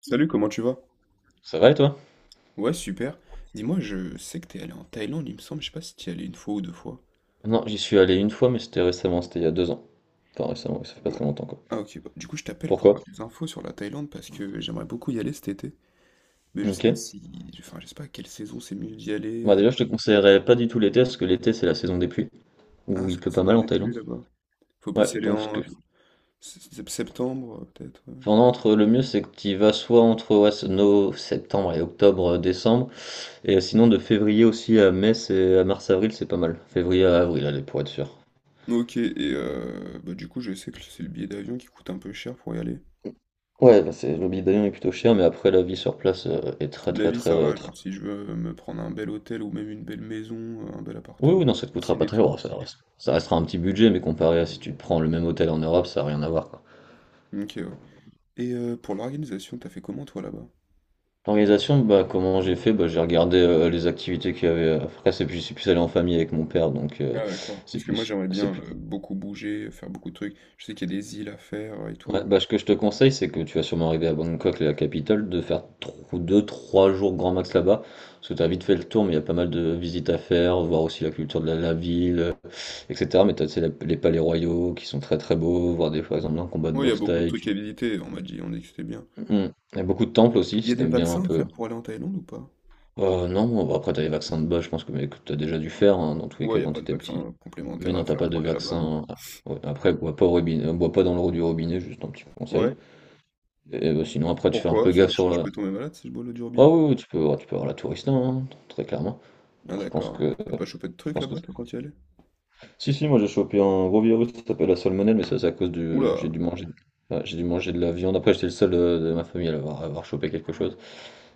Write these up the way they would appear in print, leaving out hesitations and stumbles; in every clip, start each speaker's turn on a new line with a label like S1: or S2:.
S1: Salut, comment tu vas?
S2: Ça va et toi?
S1: Ouais, super. Dis-moi, je sais que t'es allé en Thaïlande, il me semble, je sais pas si t'y es allé une fois ou deux fois.
S2: Non, j'y suis allé une fois, mais c'était récemment, c'était il y a deux ans. Enfin, récemment, ouais, ça fait pas
S1: Ouais.
S2: très longtemps, quoi.
S1: Ah ok, bah, du coup je t'appelle pour
S2: Pourquoi?
S1: avoir des infos sur la Thaïlande parce que j'aimerais beaucoup y aller cet été. Mais je sais
S2: Ok.
S1: pas si... Enfin, je sais pas à quelle saison c'est mieux d'y aller.
S2: Moi,
S1: euh.
S2: déjà, je te conseillerais pas du tout l'été, parce que l'été, c'est la saison des pluies,
S1: Ah,
S2: où il
S1: c'est la
S2: pleut pas
S1: saison
S2: mal en
S1: des pluies
S2: Thaïlande.
S1: là-bas. Faut plus
S2: Ouais,
S1: y aller
S2: donc ce que.
S1: en septembre, peut-être. Ouais.
S2: Enfin, non, entre le mieux, c'est que tu y vas soit entre ouais, c'est septembre et octobre, décembre, et sinon de février aussi à mai, c'est à mars-avril, c'est pas mal. Février à avril, allez, pour être sûr.
S1: Ok, et bah, du coup je sais que c'est le billet d'avion qui coûte un peu cher pour y aller.
S2: Ouais, bah, c'est le billet d'avion est plutôt cher, mais après, la vie sur place est très,
S1: La
S2: très,
S1: vie,
S2: très,
S1: ça
S2: très,
S1: va, genre si je veux me prendre un bel hôtel ou même une belle maison, un bel
S2: Oui,
S1: appartement,
S2: oui, non, ça te
S1: une
S2: coûtera
S1: piscine
S2: pas
S1: et
S2: très
S1: tout.
S2: cher. Ça, ça restera un petit budget, mais comparé à si tu prends le même hôtel en Europe, ça n'a rien à voir, quoi.
S1: Ok, ouais. Et pour l'organisation, t'as fait comment toi là-bas?
S2: L'organisation, bah, comment j'ai fait? Bah, j'ai regardé les activités qu'il y avait. Après, c'est plus, je suis plus allé en famille avec mon père, donc
S1: Ah d'accord.
S2: c'est
S1: Parce que moi
S2: plus,
S1: j'aimerais
S2: c'est
S1: bien
S2: plus.
S1: beaucoup bouger, faire beaucoup de trucs. Je sais qu'il y a des îles à faire et
S2: Ouais,
S1: tout.
S2: bah, ce que je te conseille, c'est que tu vas sûrement arriver à Bangkok, la capitale, de faire 2, trois jours grand max là-bas, parce que tu as vite fait le tour, mais il y a pas mal de visites à faire, voir aussi la culture de la ville, etc. Mais tu as les palais royaux qui sont très très beaux, voir des, par exemple un combat de
S1: Ouais, il y a
S2: boxe
S1: beaucoup de
S2: thaï.
S1: trucs à visiter, on m'a dit, on a dit que c'était bien.
S2: Mmh. Il y a beaucoup de temples aussi,
S1: Il y a
S2: si
S1: des
S2: t'aimes bien un
S1: vaccins à
S2: peu.
S1: faire pour aller en Thaïlande ou pas?
S2: Oh non, bon, bah après t'as les vaccins de base, je pense que, mais que t'as déjà dû faire hein, dans tous les
S1: Ouais, il
S2: cas
S1: n'y a
S2: quand
S1: pas de
S2: t'étais
S1: vaccin
S2: petit. Mais
S1: complémentaire à
S2: non, t'as
S1: faire
S2: pas
S1: pour
S2: de
S1: aller là-bas, non.
S2: vaccin. Ah, ouais. Après, bois pas au robinet, bois pas dans l'eau du robinet, juste un petit conseil.
S1: Ouais,
S2: Et bah, sinon, après, tu fais un
S1: pourquoi?
S2: peu gaffe
S1: Sinon je,
S2: sur
S1: je peux
S2: la.
S1: tomber malade si je bois l'eau du
S2: Ah
S1: robinet.
S2: oui, oui, tu peux, ouais, tu peux avoir la tourista, hein, très clairement.
S1: Ah
S2: Donc je pense
S1: d'accord, ouais.
S2: que,
S1: T'as pas chopé de
S2: je
S1: trucs
S2: pense que.
S1: là-bas toi quand tu y allais?
S2: Si si, moi j'ai chopé un gros virus, ça s'appelle la salmonelle, mais ça c'est à cause du, j'ai
S1: Oula!
S2: dû manger, ouais, j'ai dû manger de la viande. Après, j'étais le seul de, ma famille à avoir chopé quelque chose.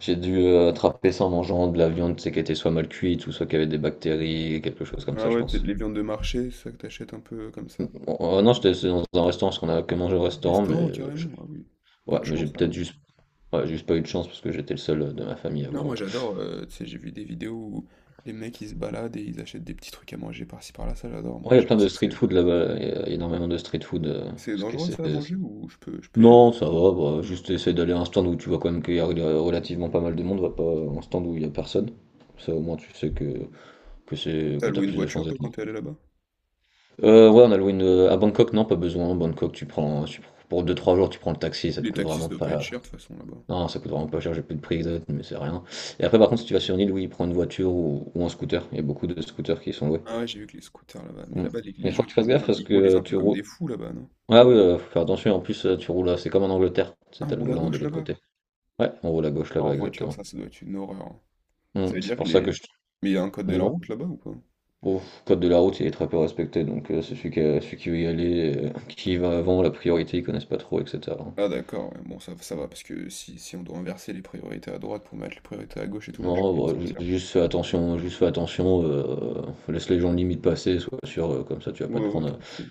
S2: J'ai dû attraper ça en mangeant de la viande, c'est sais, qui était soit mal cuite ou soit qui avait des bactéries, quelque chose comme ça,
S1: Ah
S2: je
S1: ouais, c'est
S2: pense.
S1: les viandes de marché, c'est ça que t'achètes un peu comme ça.
S2: Bon, non, j'étais c'est dans un restaurant, parce qu'on a que mangé au
S1: Un
S2: restaurant, mais
S1: restaurant carrément, ah oui. Pas
S2: ouais,
S1: de
S2: mais j'ai
S1: chance
S2: peut-être
S1: alors.
S2: juste, ouais, juste pas eu de chance parce que j'étais le seul de ma famille à
S1: Non,
S2: avoir.
S1: moi j'adore, tu sais, j'ai vu des vidéos où les mecs ils se baladent et ils achètent des petits trucs à manger par-ci par-là, ça j'adore, moi.
S2: Ouais, il y
S1: Je
S2: a
S1: sais
S2: plein
S1: pas
S2: de
S1: si
S2: street
S1: c'est
S2: food là-bas, il y a énormément de street food.
S1: c'est
S2: Ce que
S1: dangereux
S2: c'est...
S1: ça à manger ou je peux y aller?
S2: Non, ça va, bah, juste essayer d'aller à un stand où tu vois quand même qu'il y a relativement pas mal de monde, va pas à un stand où il y a personne. Ça au moins tu sais que c'est
S1: T'as
S2: que t'as
S1: loué une
S2: plus de
S1: voiture
S2: chances
S1: toi
S2: d'être
S1: quand t'es allé là-bas?
S2: Ouais, on a loué une... À Bangkok, non, pas besoin. À Bangkok, tu prends... tu Pour deux trois jours, tu prends le taxi, ça te
S1: Les
S2: coûte
S1: taxis ça
S2: vraiment
S1: doit pas être
S2: pas...
S1: cher de toute façon là-bas.
S2: Non, ça coûte vraiment pas cher, j'ai plus de prix exact, mais c'est rien. Et après, par contre, si tu vas sur une île, oui, prends une voiture ou un scooter. Il y a beaucoup de scooters qui sont loués.
S1: Ah ouais, j'ai vu que les scooters là-bas, mais
S2: Mm.
S1: là-bas les,
S2: Mais
S1: les gens
S2: faut que
S1: ils
S2: tu fasses gaffe parce
S1: ils
S2: que
S1: conduisent un peu
S2: tu
S1: comme
S2: roules...
S1: des fous là-bas, non?
S2: Ah oui, faut faire attention, en plus, tu roules... C'est comme en Angleterre, c'est
S1: Ah, on
S2: t'as le
S1: roule à
S2: volant de
S1: gauche
S2: l'autre
S1: là-bas?
S2: côté. Ouais, on roule à gauche
S1: Ah, en
S2: là-bas,
S1: voiture
S2: exactement.
S1: ça, ça doit être une horreur, hein.
S2: Mm.
S1: Ça veut
S2: C'est
S1: dire que
S2: pour ça
S1: les.
S2: que je...
S1: Mais il y a un code de la
S2: Dis-moi.
S1: route là-bas ou pas?
S2: Au code de la route, il est très peu respecté, donc c'est celui qui, celui qui veut y aller, qui y va avant, la priorité, ils connaissent pas trop, etc.
S1: Ah d'accord, ouais, bon ça va, parce que si, si on doit inverser les priorités à droite pour mettre les priorités à gauche et tout, moi je vais m'en
S2: Non, bah,
S1: sortir.
S2: juste fais attention, juste fais attention. Laisse les gens limite passer, sois sûr, comme ça tu vas pas
S1: Ouais
S2: te
S1: ouais,
S2: prendre.
S1: tranquille.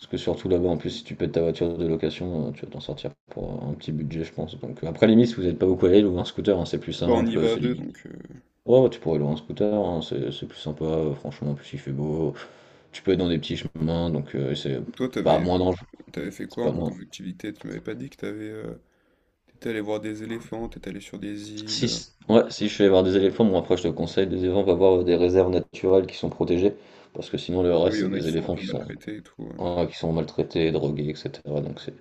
S2: Parce que surtout là-bas, en plus, si tu pètes ta voiture de location, tu vas t'en sortir pour un petit budget, je pense. Donc après, limite, si vous n'êtes pas beaucoup à aller, louer un scooter, hein, c'est plus
S1: Bon, on y
S2: simple,
S1: va à
S2: c'est
S1: deux,
S2: limite.
S1: donc. euh,
S2: Ouais ouais, tu pourrais louer un scooter, hein, c'est plus sympa, franchement, en plus il fait beau, tu peux être dans des petits chemins, donc c'est
S1: Et toi,
S2: pas moins dangereux,
S1: t'avais fait
S2: c'est
S1: quoi un
S2: pas
S1: peu
S2: moins.
S1: comme activité? Tu m'avais pas dit que t'étais allé voir des éléphants, t'étais allé sur des îles.
S2: Si, ouais, si je suis voir des éléphants, bon après je te conseille des éléphants, va voir des réserves naturelles qui sont protégées, parce que sinon le
S1: Oui, il
S2: reste
S1: y
S2: c'est
S1: en a qui
S2: des
S1: sont un
S2: éléphants
S1: peu
S2: qui sont
S1: maltraités et tout. Ouais,
S2: Ouais, qui sont maltraités, drogués, etc. Donc c'est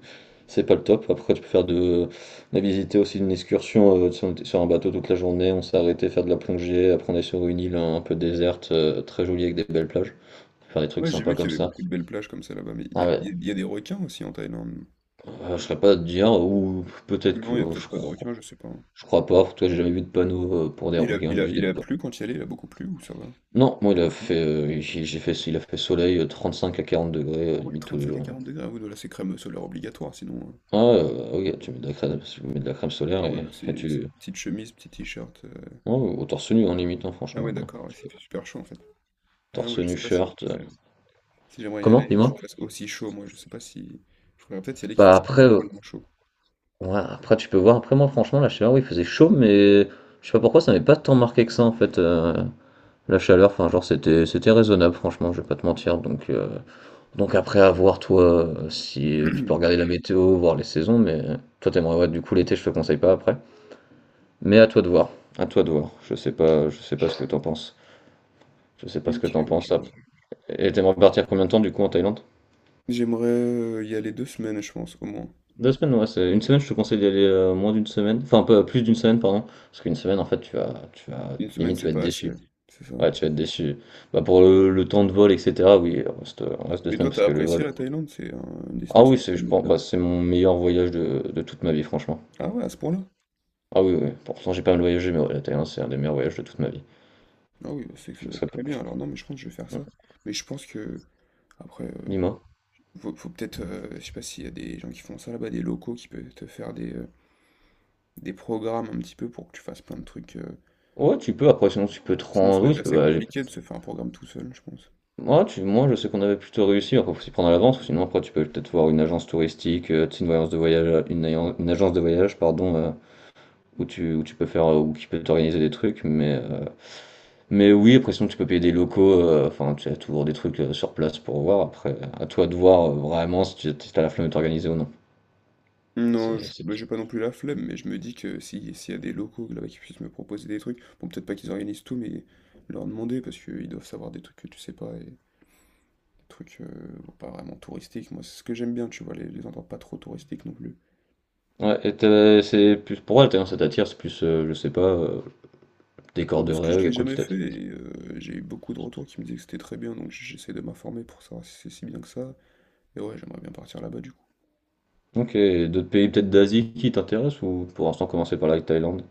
S2: c'est pas le top. Après, tu peux faire de. On a visité aussi une excursion sur, on était sur un bateau toute la journée. On s'est arrêté faire de la plongée. Après, on est sur une île un peu déserte, très jolie avec des belles plages. Faire des trucs
S1: ouais, j'ai
S2: sympas
S1: vu qu'il
S2: comme
S1: y avait
S2: ça.
S1: beaucoup de belles plages comme ça là-bas, mais il y
S2: Ah
S1: a,
S2: ouais,
S1: il y a- il y a des requins aussi en Thaïlande.
S2: je serais pas à te dire, ou peut-être que.
S1: Non, il y a
S2: Oh,
S1: peut-être pas de requins, je sais pas, hein.
S2: je crois pas. Toi, j'ai jamais vu de panneau pour des
S1: Il a,
S2: requins,
S1: il a,
S2: juste des.
S1: il a plu quand il y allait, il a beaucoup plu ou ça va?
S2: Non, moi, il a fait, j'ai fait, il a fait soleil 5 à 40 degrés,
S1: Ah ouais,
S2: limite tous les
S1: 35 à
S2: jours.
S1: 40 degrés, ah oui, voilà, c'est crème solaire obligatoire, sinon.
S2: Ah, ouais, ok, tu mets de la crème, tu mets de la crème solaire
S1: Ah
S2: et,
S1: voilà,
S2: et
S1: c'est
S2: tu,
S1: petite chemise, petit t-shirt.
S2: Ouais, au torse nu en limite, hein,
S1: Ah
S2: franchement.
S1: ouais, d'accord, ouais,
S2: Tu peux-
S1: il super chaud en fait. Ah non, ouais,
S2: Torse
S1: je
S2: nu,
S1: sais pas si.
S2: shirt.
S1: Ouais, si j'aimerais y aller
S2: Comment,
S1: et qu'il
S2: dis-moi?
S1: fasse aussi chaud, moi, je sais pas si. Je pourrais peut-être y aller qu'il
S2: Bah
S1: fasse
S2: après,
S1: un poil moins chaud.
S2: ouais, après tu peux voir. Après moi, franchement, la chaleur, oui, il faisait chaud, mais je sais pas pourquoi ça m'avait pas tant marqué que ça en fait. La chaleur, enfin genre c'était raisonnable, franchement, je vais pas te mentir. Donc donc après à voir toi si tu peux regarder la météo, voir les saisons, mais toi t'aimerais ouais, du coup l'été, je te conseille pas après. Mais à toi de voir. À toi de voir. Je sais pas ce que t'en penses. Je sais pas ce que
S1: Ok,
S2: t'en
S1: ouais, je
S2: penses.
S1: vois.
S2: Après. Et t'aimerais partir combien de temps du coup en Thaïlande?
S1: J'aimerais y aller deux semaines, je pense, au moins.
S2: Deux semaines, ouais, c'est une semaine, je te conseille d'y aller moins d'une semaine, enfin un peu plus d'une semaine, pardon, parce qu'une semaine, en fait, tu vas,
S1: Une semaine,
S2: limite, tu
S1: c'est
S2: vas être
S1: pas assez,
S2: déçu.
S1: c'est ça.
S2: Ouais, tu vas être déçu. Bah, pour le temps de vol, etc., oui, on reste deux
S1: Mais toi,
S2: semaines parce
S1: t'as
S2: que le
S1: apprécié
S2: vol.
S1: la Thaïlande? Une
S2: Ah
S1: destination
S2: oui,
S1: que
S2: c'est,
S1: t'as
S2: je
S1: aimé
S2: pense,
S1: faire.
S2: bah, c'est mon meilleur voyage de toute ma vie, franchement.
S1: Ah ouais, à ce point-là?
S2: Ah oui, oui, pourtant j'ai pas mal voyagé, mais ouais, la Thaïlande, c'est un des meilleurs voyages de toute ma vie.
S1: Ah oui, bah, c'est que ça
S2: Je
S1: doit être
S2: serais pas-
S1: très bien. Alors non, mais je pense que je vais faire ça. Mais je pense que, après,
S2: Dis-moi.
S1: faut peut-être, je sais pas s'il y a des gens qui font ça là-bas, des locaux qui peuvent te faire des programmes un petit peu pour que tu fasses plein de trucs.
S2: Ouais, tu peux, après, sinon, tu peux te
S1: Sinon, ça
S2: rendre,
S1: doit
S2: oui,
S1: être
S2: tu peux,
S1: assez
S2: bah,
S1: compliqué de se faire un programme tout seul, je pense.
S2: Moi, tu, moi, je sais qu'on avait plutôt réussi. Après, faut s'y prendre à l'avance. Sinon, après, tu peux peut-être voir une agence touristique, tu sais, une voyance de voyage, une, une agence de voyage, pardon, où tu peux faire, ou qui peut t'organiser des trucs. Mais oui, après, sinon, tu peux payer des locaux. Enfin, tu as toujours des trucs sur place pour voir. Après, à toi de voir vraiment si tu si t'as la flemme de t'organiser ou non.
S1: Non,
S2: C'est...
S1: bah, j'ai pas non plus la flemme, mais je me dis que si, s'il y a des locaux là-bas qui puissent me proposer des trucs, bon, peut-être pas qu'ils organisent tout, mais leur demander, parce qu'ils doivent savoir des trucs que tu sais pas, et des trucs bon, pas vraiment touristiques. Moi, c'est ce que j'aime bien, tu vois, les endroits pas trop touristiques non plus.
S2: Ouais, et t'as- c'est plus pour elle, t'as- ça t'attire, c'est plus, je sais pas,
S1: Bon,
S2: décor de
S1: parce que je
S2: rêve, y
S1: l'ai
S2: a quoi qui
S1: jamais fait,
S2: t'attire.
S1: et j'ai eu beaucoup de retours qui me disaient que c'était très bien, donc j'essaie de m'informer pour savoir si c'est si bien que ça. Et ouais, j'aimerais bien partir là-bas du coup.
S2: Ok, et d'autres pays peut-être d'Asie qui t'intéressent ou pour l'instant commencer par la Thaïlande?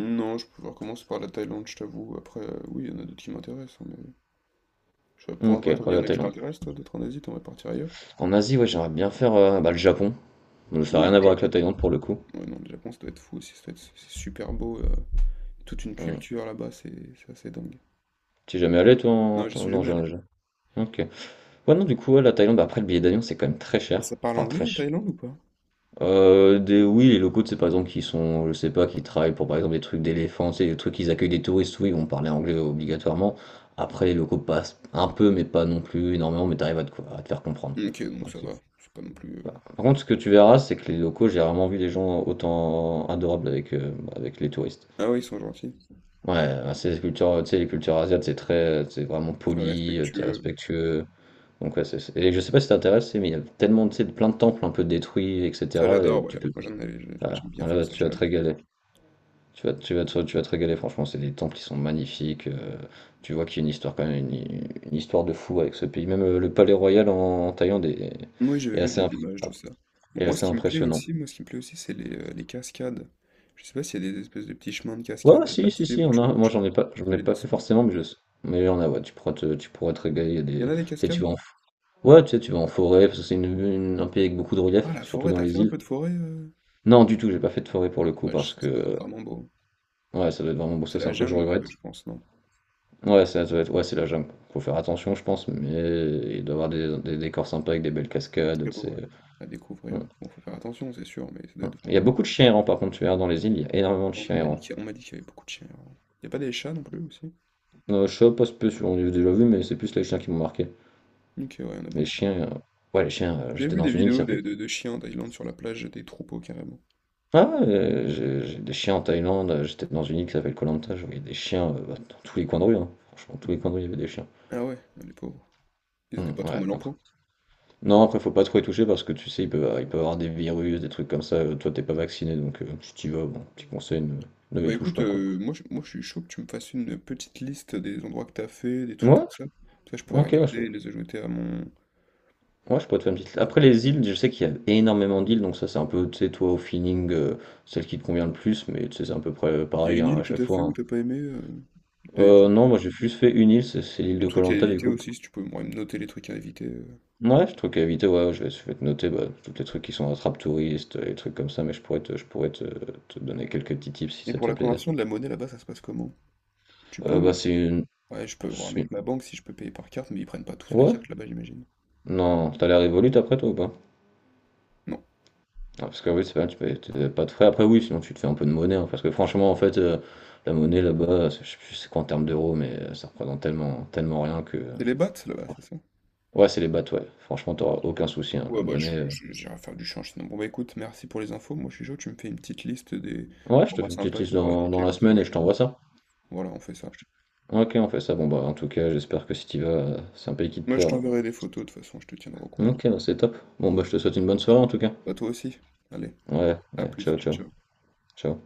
S1: Non, je pourrais commencer par la Thaïlande, je t'avoue. Après, oui, il y en a d'autres qui m'intéressent, hein, mais je sais pas
S2: OK,
S1: pourquoi toi, il
S2: ouais,
S1: y en
S2: la
S1: a qui
S2: Thaïlande.
S1: t'intéressent, toi, d'autres en Asie, t'aimerais partir ailleurs?
S2: En Asie, ouais, j'aimerais bien faire bah, le Japon. Donc, ça n'a
S1: Oui,
S2: rien à
S1: le
S2: voir avec
S1: Japon.
S2: la Thaïlande pour le coup.
S1: Ouais, non, le Japon, ça doit être fou aussi, c'est super beau. Euh, toute une
S2: Hmm.
S1: culture là-bas, c'est assez dingue.
S2: T'es jamais allé toi?
S1: Non,
S2: En-
S1: j'y
S2: en-
S1: suis
S2: Non,
S1: jamais allé.
S2: j'ai- Ok. Ouais, non, du coup, ouais, la Thaïlande, bah, après le billet d'avion, c'est quand même très
S1: Et
S2: cher.
S1: ça parle
S2: Enfin,
S1: anglais
S2: très
S1: en
S2: cher.
S1: Thaïlande ou pas?
S2: Des... Oui, les locaux, c'est par exemple, qui sont, je sais pas, qui travaillent pour par exemple des trucs d'éléphants, c'est des trucs qu'ils accueillent des touristes, oui, ils vont parler anglais obligatoirement. Après, les locaux passent un peu, mais pas non plus énormément, mais t'arrives à te... à te faire comprendre.
S1: Ok, donc ça va. C'est pas non plus. Euh,
S2: Par contre, ce que tu verras, c'est que les locaux, j'ai rarement vu des gens autant adorables avec, avec les touristes.
S1: ah oui, ils sont gentils.
S2: Ouais, enfin, c'est les cultures, tu sais, les cultures asiatiques, c'est très, c'est vraiment
S1: Très
S2: poli, t'es
S1: respectueux.
S2: respectueux. Donc ouais, c'est, et je sais pas si t'intéresse, mais il y a tellement, tu sais, plein de temples un peu détruits,
S1: Ça,
S2: etc. Et que
S1: j'adore,
S2: tu
S1: ouais.
S2: peux...
S1: Moi,
S2: Ah,
S1: j'aime bien faire
S2: là,
S1: ça,
S2: tu vas te
S1: j'aime.
S2: régaler. Tu vas te régaler, franchement, c'est des temples qui sont magnifiques. Tu vois qu'il y a une histoire quand même, une histoire de fou avec ce pays. Même le palais royal en Thaïlande est,
S1: Moi, j'avais
S2: est
S1: vu
S2: assez,
S1: des images de ça. Bon,
S2: est assez impressionnant.
S1: moi, ce qui me plaît aussi, c'est les cascades. Je sais pas s'il y a des espèces de petits chemins de
S2: Ouais,
S1: cascades
S2: ouais,
S1: à
S2: si, si, si,
S1: suivre,
S2: on
S1: tu
S2: a.
S1: vois.
S2: Moi,
S1: Tu, tu
S2: j'en
S1: peux
S2: ai
S1: les
S2: pas fait
S1: dessiner.
S2: forcément, mais je sais. Mais il y en a, ouais, tu pourras te régaler. Il y a
S1: Il y
S2: des...
S1: en
S2: Tu
S1: a des
S2: sais,
S1: cascades?
S2: ouais, tu sais, tu vas en forêt, parce que c'est un pays avec beaucoup de relief,
S1: Ah, la
S2: surtout
S1: forêt,
S2: dans
S1: t'as fait
S2: les
S1: un
S2: îles.
S1: peu de forêt
S2: Non, du tout, j'ai pas fait de forêt pour
S1: ah
S2: le coup,
S1: dommage,
S2: parce
S1: ça ça doit être
S2: que...
S1: vraiment beau.
S2: Ouais, ça doit être vraiment. Bon,
S1: C'est
S2: ça, c'est
S1: la
S2: un truc que je
S1: jungle un
S2: regrette.
S1: peu, je pense, non? Ça
S2: Ouais, ça doit être. Ouais, c'est la jungle. Faut faire attention, je pense, mais il doit y avoir des décors sympas avec des belles
S1: doit être
S2: cascades,
S1: très
S2: tu
S1: beau,
S2: sais.
S1: ouais, à découvrir.
S2: Hum,
S1: Bon, faut faire attention, c'est sûr, mais ça doit être
S2: Il y
S1: vraiment
S2: a
S1: beau.
S2: beaucoup de chiens errants, par contre, tu verras dans les îles, il y a énormément de
S1: Avant, on
S2: chiens
S1: m'a dit
S2: errants.
S1: on m'a dit qu'il y avait beaucoup de chiens. Il n'y a pas des chats non plus aussi?
S2: Je sais pas spécialement, on les a déjà vu, mais c'est plus les chiens qui m'ont marqué.
S1: Ok, ouais, il y en a
S2: Les
S1: beaucoup.
S2: chiens, ouais, les chiens,
S1: J'ai
S2: j'étais
S1: vu
S2: dans
S1: des
S2: une île qui
S1: vidéos de,
S2: s'appelait...
S1: de chiens en Thaïlande sur la plage, des troupeaux carrément.
S2: Ah, j'ai des chiens en Thaïlande, j'étais dans une île qui s'appelle Koh Lanta, je voyais des chiens bah, dans tous les coins de rue, hein. Franchement, tous les coins de rue, il y avait des chiens.
S1: Ah ouais, ah, les pauvres. Ils étaient pas trop
S2: Ouais,
S1: mal en
S2: après.
S1: point.
S2: Non, après, faut pas trop y toucher parce que tu sais, il peut y avoir des virus, des trucs comme ça, toi, t'es pas vacciné, donc si t'y vas, bon, petit conseil, ne, ne
S1: Bah
S2: les touche
S1: écoute,
S2: pas, quoi.
S1: moi, moi je suis chaud que tu me fasses une petite liste des endroits que t'as fait, des trucs
S2: Ouais,
S1: comme ça. Ça, je pourrais
S2: ok,
S1: regarder
S2: je,
S1: et les ajouter à mon.
S2: ouais, je peux te faire une petite... Après, les îles, je sais qu'il y a énormément d'îles, donc ça, c'est un peu, tu sais, toi, au feeling, celle qui te convient le plus, mais tu sais, c'est à peu près
S1: Il y a
S2: pareil
S1: une
S2: hein,
S1: île
S2: à
S1: que
S2: chaque
S1: t'as fait
S2: fois,
S1: ou
S2: hein.
S1: t'as pas aimé, des trucs.
S2: Non, moi j'ai juste fait une île, c'est l'île
S1: Les
S2: de
S1: trucs à
S2: koh du
S1: éviter
S2: coup.
S1: aussi, si tu peux ouais, noter les trucs à éviter.
S2: Ouais, je trouve qu'à éviter, ouais, je vais te noter bah, tous les trucs qui sont attrape touristes, les trucs comme ça, mais je pourrais te donner quelques petits tips si
S1: Et
S2: ça te
S1: pour
S2: fait
S1: la
S2: plaisir.
S1: conversion de la monnaie là-bas, ça se passe comment? Tu peux.
S2: Bah c'est une,
S1: Ouais, je peux voir
S2: c'est une-
S1: avec ma banque si je peux payer par carte, mais ils prennent pas tous la
S2: Ouais?
S1: carte là-bas, j'imagine.
S2: Non, t'as l'air Revolut après toi ou pas?
S1: Non.
S2: Ah, parce que oui, c'est pas mal, tu payes t'as pas de frais. Après oui, sinon tu te fais un peu de monnaie, hein, parce que franchement en fait, la monnaie là-bas, c'est... je sais plus c'est quoi en termes d'euros, mais ça représente tellement, tellement rien que...
S1: C'est les bahts là-bas, c'est ça?
S2: Ouais, c'est les bateaux, ouais. Franchement, t'auras aucun souci, hein, la
S1: Ouais, bah,
S2: monnaie.
S1: j'irai faire du change sinon. Bon, bah, écoute, merci pour les infos. Moi, je suis chaud, tu me fais une petite liste des
S2: Ouais, je te
S1: endroits
S2: fais une petite
S1: sympas et des
S2: liste
S1: endroits à
S2: dans
S1: éviter,
S2: la
S1: comme ça, je
S2: semaine et je
S1: regarde. Ouais.
S2: t'envoie ça.
S1: Voilà, on fait ça.
S2: Ok, on fait ça. Bon, bah, en tout cas, j'espère que si t'y vas, c'est un pays qui te
S1: Moi, je
S2: plaira.
S1: t'enverrai des photos, de toute façon, je te tiendrai au courant.
S2: Ok, bah, c'est top. Bon, bah, je te souhaite une bonne soirée en tout cas.
S1: Bah, toi aussi. Allez,
S2: Ouais,
S1: à
S2: ouais,
S1: plus,
S2: ciao,
S1: ciao,
S2: ciao,
S1: ciao.
S2: ciao.